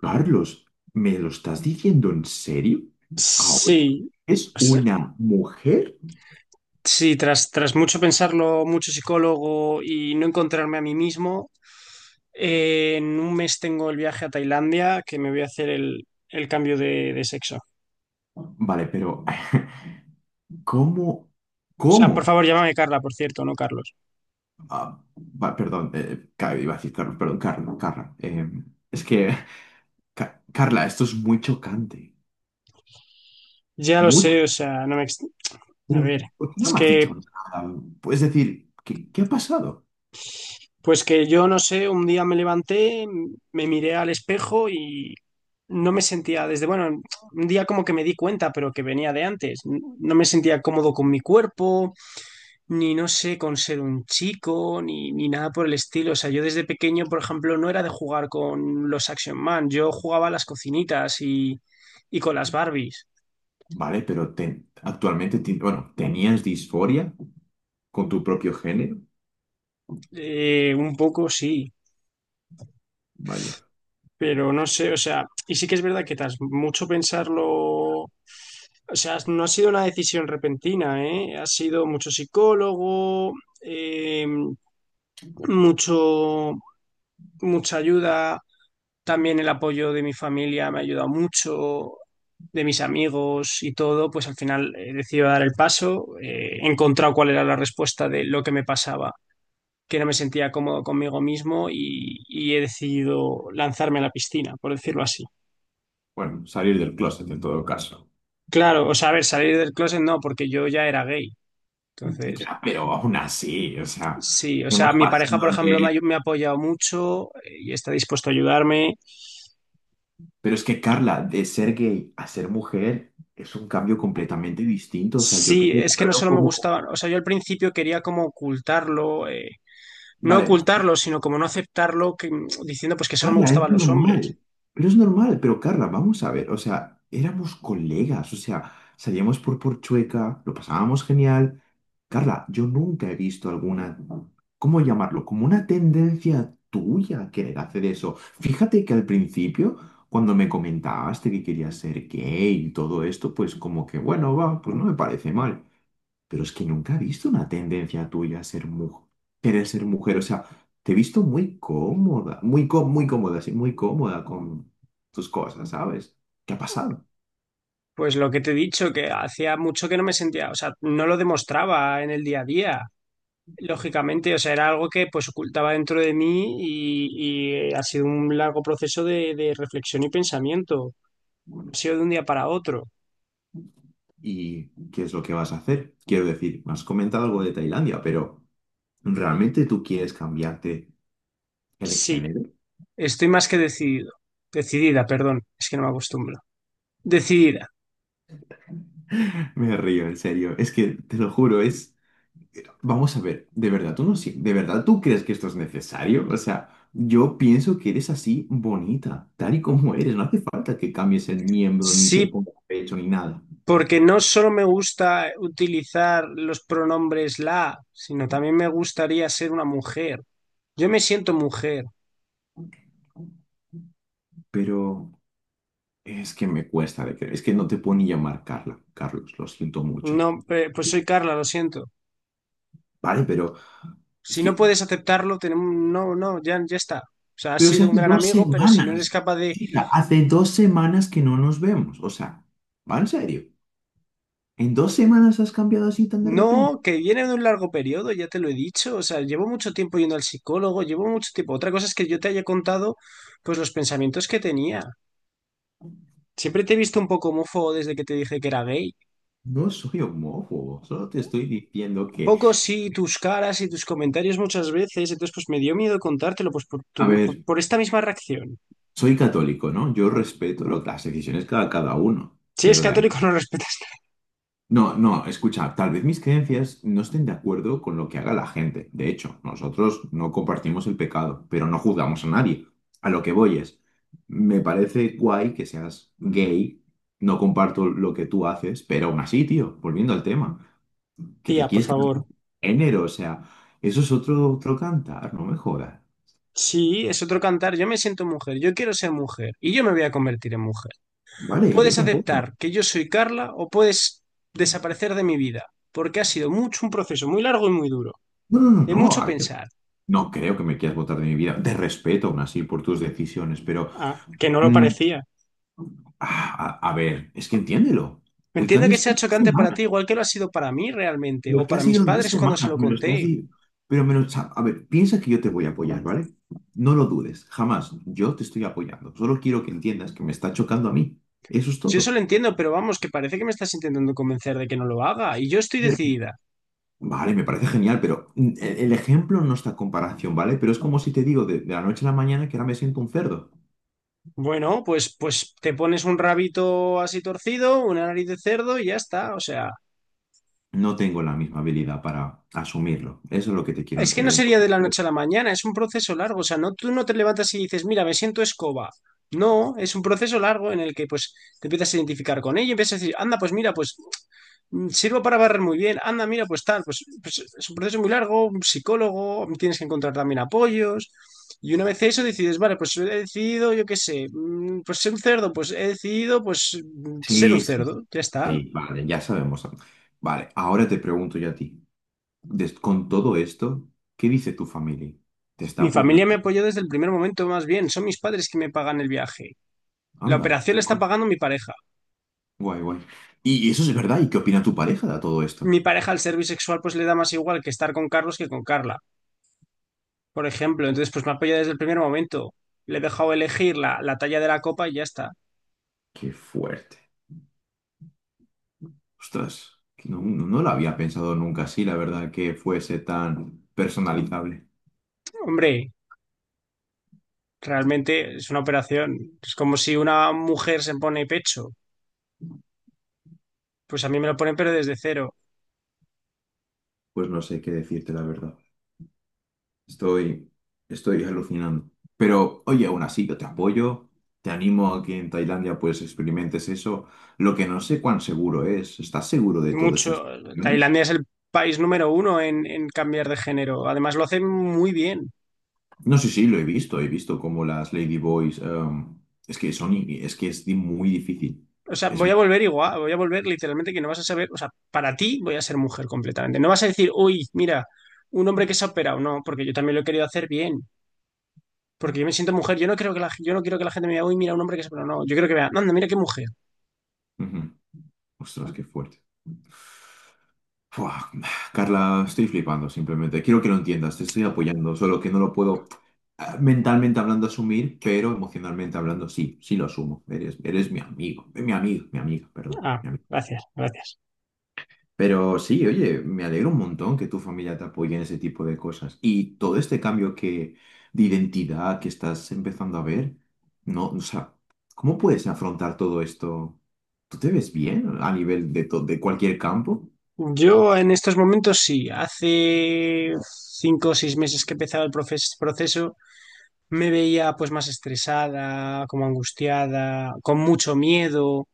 Carlos, ¿me lo estás diciendo en serio? Ahora Sí, es sí, una mujer. sí, Tras mucho pensarlo, mucho psicólogo y no encontrarme a mí mismo, en un mes tengo el viaje a Tailandia que me voy a hacer el cambio de sexo. Vale, pero ¿cómo? O sea, por ¿Cómo? favor, llámame Carla, por cierto, no Carlos. Ah, va, perdón, iba a decir Carlos, perdón, Carla, Carla. Es que, Carla, esto es muy chocante. Ya lo Mucho. sé, o sea, no me... ex- A Pero ver, ¿por qué no es me has dicho que, nada? Puedes decir, ¿qué ha pasado? pues que yo no sé, un día me levanté, me miré al espejo y no me sentía desde, bueno, un día como que me di cuenta, pero que venía de antes. No me sentía cómodo con mi cuerpo, ni no sé, con ser un chico, ni, ni nada por el estilo. O sea, yo desde pequeño, por ejemplo, no era de jugar con los Action Man, yo jugaba a las cocinitas y con las Barbies. Vale, pero actualmente, bueno, ¿tenías disforia con tu propio género? Un poco sí, Vaya. pero no sé, o sea, y sí que es verdad que tras mucho pensarlo... O sea, no ha sido una decisión repentina, ¿eh? Ha sido mucho psicólogo, eh, mucho, mucha ayuda. También el apoyo de mi familia me ha ayudado mucho, de mis amigos y todo, pues al final he decidido dar el paso, he encontrado cuál era la respuesta de lo que me pasaba, que no me sentía cómodo conmigo mismo y he decidido lanzarme a la piscina, por decirlo así. Bueno, salir del closet en todo caso. Claro, o sea, a ver, salir del closet no, porque yo ya era gay. Entonces, Ya, pero aún así, o sea, sí, o sea, hemos mi pareja, por pasado ejemplo, me ha, de... me ha apoyado mucho, y está dispuesto a ayudarme. Pero es que, Carla, de ser gay a ser mujer es un cambio completamente distinto. O sea, yo te Sí, es que no recuerdo solo me como... gustaba, o sea, yo al principio quería como ocultarlo, no Vale, ocultarlo, sino como no aceptarlo, que, diciendo pues que solo me Carla, gustaban los hombres. Es normal, pero Carla, vamos a ver, o sea, éramos colegas, o sea, salíamos por Porchueca, lo pasábamos genial. Carla, yo nunca he visto alguna, ¿cómo llamarlo? Como una tendencia tuya a querer hacer eso. Fíjate que al principio, cuando me comentaste que querías ser gay y todo esto, pues como que, bueno, va, pues no me parece mal. Pero es que nunca he visto una tendencia tuya a ser mujer, querer ser mujer. O sea, te he visto muy cómoda, muy, muy cómoda, sí, muy cómoda con tus cosas, ¿sabes? ¿Qué ha pasado? Pues lo que te he dicho, que hacía mucho que no me sentía, o sea, no lo demostraba en el día a día, lógicamente, o sea, era algo que pues ocultaba dentro de mí y ha sido un largo proceso de reflexión y pensamiento, no ha sido de un día para otro. ¿Y qué es lo que vas a hacer? Quiero decir, me has comentado algo de Tailandia, pero ¿realmente tú quieres cambiarte el Sí, género? estoy más que decidido, decidida, perdón, es que no me acostumbro. Decidida, Me río, en serio. Es que te lo juro, es. Vamos a ver, ¿de verdad tú no sí? ¿De verdad tú crees que esto es necesario? O sea, yo pienso que eres así bonita, tal y como eres. No hace falta que cambies el miembro, ni te sí. pongas pecho, ni nada. Porque no solo me gusta utilizar los pronombres la, sino también me gustaría ser una mujer. Yo me siento mujer. Pero es que me cuesta de creer. Es que no te puedo ni llamar Carla, Carlos, lo siento mucho. No, pues soy Carla, lo siento. Vale, pero es Si no que, puedes aceptarlo, tenemos, no, no, ya, ya está. O sea, has pero si sido un hace gran dos amigo, pero si no eres semanas, capaz de... chica, hace dos semanas que no nos vemos. O sea, va en serio. ¿En dos semanas has cambiado así tan de repente? No, que viene de un largo periodo, ya te lo he dicho. O sea, llevo mucho tiempo yendo al psicólogo, llevo mucho tiempo. Otra cosa es que yo te haya contado, pues, los pensamientos que tenía. Siempre te he visto un poco homófobo desde que te dije que era gay. No soy homófobo, solo te estoy diciendo que, Poco sí, tus caras y tus comentarios muchas veces, entonces pues me dio miedo contártelo pues por, a ver, por esta misma reacción. soy católico, ¿no? Yo respeto las decisiones cada uno, Si es pero de ahí... católico no respetas, No, no, escucha, tal vez mis creencias no estén de acuerdo con lo que haga la gente. De hecho, nosotros no compartimos el pecado, pero no juzgamos a nadie. A lo que voy es, me parece guay que seas gay, no comparto lo que tú haces, pero aún así, tío, volviendo al tema, que te tía, por quieres cambiar de favor. género, o sea, eso es otro, otro cantar, no me jodas. Sí, es otro cantar, yo me siento mujer, yo quiero ser mujer y yo me voy a convertir en mujer. Vale, yo Puedes tampoco. No, aceptar que yo soy Carla o puedes desaparecer de mi vida, porque ha sido mucho un proceso muy largo y muy duro, no, no, de no. mucho A ver, pensar. no creo que me quieras votar de mi vida. Te respeto aún así por tus decisiones, pero Ah, que no lo mm, parecía. A ver, es que entiéndelo. El Entiendo cambio que es en sea dos chocante para semanas. ti, igual que lo ha sido para mí realmente, o Lo que ha para mis sido en dos padres cuando se semanas, lo me lo estás conté. diciendo. Pero me lo, a ver, piensa que yo te voy a apoyar, ¿vale? No lo dudes, jamás. Yo te estoy apoyando. Solo quiero que entiendas que me está chocando a mí. Eso es Yo eso lo todo. entiendo, pero vamos, que parece que me estás intentando convencer de que no lo haga y yo estoy Pero- decidida. Vale, me parece genial, pero el ejemplo no está a comparación, ¿vale? Pero es como si te digo de la noche a la mañana que ahora me siento un cerdo. Bueno, pues te pones un rabito así torcido, una nariz de cerdo y ya está. O sea, No tengo la misma habilidad para asumirlo. Eso es lo que te quiero es que no entender. sería de la noche a la mañana, es un proceso largo. O sea, no, tú no te levantas y dices, mira, me siento escoba. No, es un proceso largo en el que pues te empiezas a identificar con ella y empiezas a decir, anda, pues mira, pues sirvo para barrer muy bien, anda, mira, pues tal, pues, pues es un proceso muy largo, un psicólogo, tienes que encontrar también apoyos. Y una vez eso decides, vale, pues he decidido, yo qué sé, pues ser un cerdo, pues he decidido, pues ser un Sí, sí, cerdo, ya está. sí, vale, ya sabemos. Vale, ahora te pregunto yo a ti. Des- con todo esto, ¿qué dice tu familia? ¿Te está Mi familia me apoyando? apoyó desde el primer momento, más bien, son mis padres que me pagan el viaje. La Anda, operación la está pagando mi pareja. guay, guay. Y eso es verdad. ¿Y qué opina tu pareja de todo esto? Mi pareja al ser bisexual pues le da más igual que estar con Carlos que con Carla, por ejemplo. Entonces pues me apoya desde el primer momento. Le he dejado elegir la talla de la copa y ya está. Qué fuerte. Ostras, que no, no, no lo había pensado nunca así, la verdad, que fuese tan personalizable. Hombre, realmente es una operación. Es como si una mujer se pone pecho. Pues a mí me lo ponen pero desde cero. Pues no sé qué decirte, la verdad. Estoy, estoy alucinando. Pero oye, aún así, yo te apoyo, te animo a que en Tailandia pues experimentes eso. Lo que no sé cuán seguro es, ¿estás seguro de todas estas Mucho. situaciones? Tailandia es el país número uno en cambiar de género. Además lo hacen muy bien. No sé sí lo he visto como las Ladyboys, es que son, es que es muy difícil. O sea, Es, voy a muy- volver igual, voy a volver literalmente que no vas a saber, o sea, para ti voy a ser mujer completamente. No vas a decir, uy, mira, un hombre que se ha operado, no, porque yo también lo he querido hacer bien, porque yo me siento mujer, yo no creo que la, yo no quiero que la gente me diga, uy, mira, un hombre que se ha operado, no, yo creo que vea, anda, mira qué mujer. Ujú. Ostras, qué fuerte. Fua, Carla, estoy flipando simplemente. Quiero que lo entiendas, te estoy apoyando, solo que no lo puedo mentalmente hablando asumir, pero emocionalmente hablando sí, sí lo asumo. Eres mi amigo, mi amigo, mi amiga, perdón. Ah, Mi amiga. gracias, gracias. Pero sí, oye, me alegro un montón que tu familia te apoye en ese tipo de cosas. Y todo este cambio que, de identidad que estás empezando a ver, no, o sea, ¿cómo puedes afrontar todo esto? ¿Tú te ves bien a nivel de, de cualquier campo? Yo en estos momentos sí, hace 5 o 6 meses que he empezado el proceso, me veía pues más estresada, como angustiada, con mucho miedo.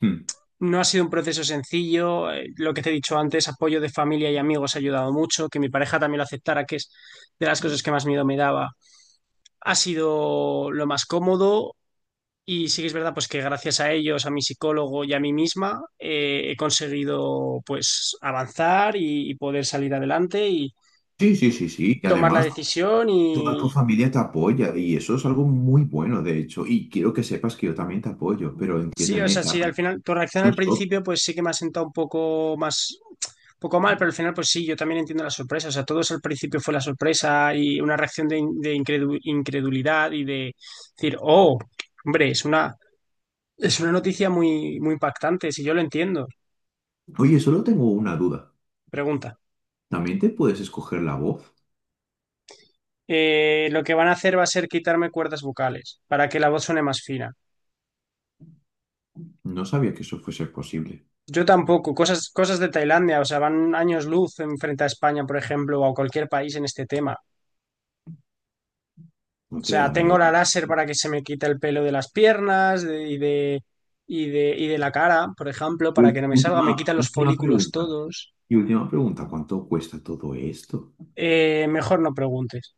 Hmm. No ha sido un proceso sencillo. Lo que te he dicho antes, apoyo de familia y amigos ha ayudado mucho. Que mi pareja también lo aceptara, que es de las cosas que más miedo me daba, ha sido lo más cómodo. Y sí que es verdad, pues que gracias a ellos, a mi psicólogo y a mí misma, he conseguido pues avanzar y poder salir adelante y Sí, sí, sí, sí. Y tomar la además, decisión toda tu y... familia te apoya y eso es algo muy bueno, de hecho. Y quiero que sepas que yo también te apoyo, pero Sí, o entiéndeme, sea, sí, Carla. al final, tu reacción al Pues, o- principio, pues sí que me ha sentado un poco más, un poco mal, pero al final, pues sí, yo también entiendo la sorpresa. O sea, todos al principio fue la sorpresa y una reacción de, incredulidad y de decir, oh, hombre, es una noticia muy, muy impactante, si yo lo entiendo. Oye, solo tengo una duda. Pregunta. ¿También te puedes escoger la voz? Lo que van a hacer va a ser quitarme cuerdas vocales para que la voz suene más fina. No sabía que eso fuese posible. Yo tampoco, cosas, cosas de Tailandia, o sea, van años luz en frente a España, por ejemplo, o a cualquier país en este tema. ¿No O te da sea, tengo miedo? la láser Sí. para que se me quite el pelo de las piernas y de, y de, y de la cara, por ejemplo, Y para que no me salga. Me quitan los última folículos pregunta. todos. Y última pregunta, ¿cuánto cuesta todo esto? Mejor no preguntes.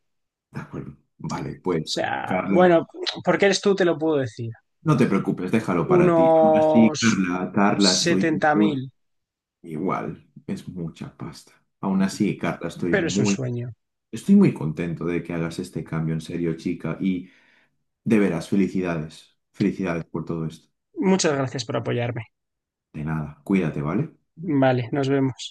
De acuerdo. Vale, O pues, sea, Carla, bueno, porque eres tú, te lo puedo decir. no te preocupes, déjalo para ti. Aún así, Unos Carla, Carla, estoy setenta muy mil, igual. Es mucha pasta. Aún así, Carla, estoy pero es un muy sueño. estoy muy contento de que hagas este cambio en serio, chica, y de veras, felicidades. Felicidades por todo esto. Muchas gracias por apoyarme. De nada, cuídate, ¿vale? Vale, nos vemos.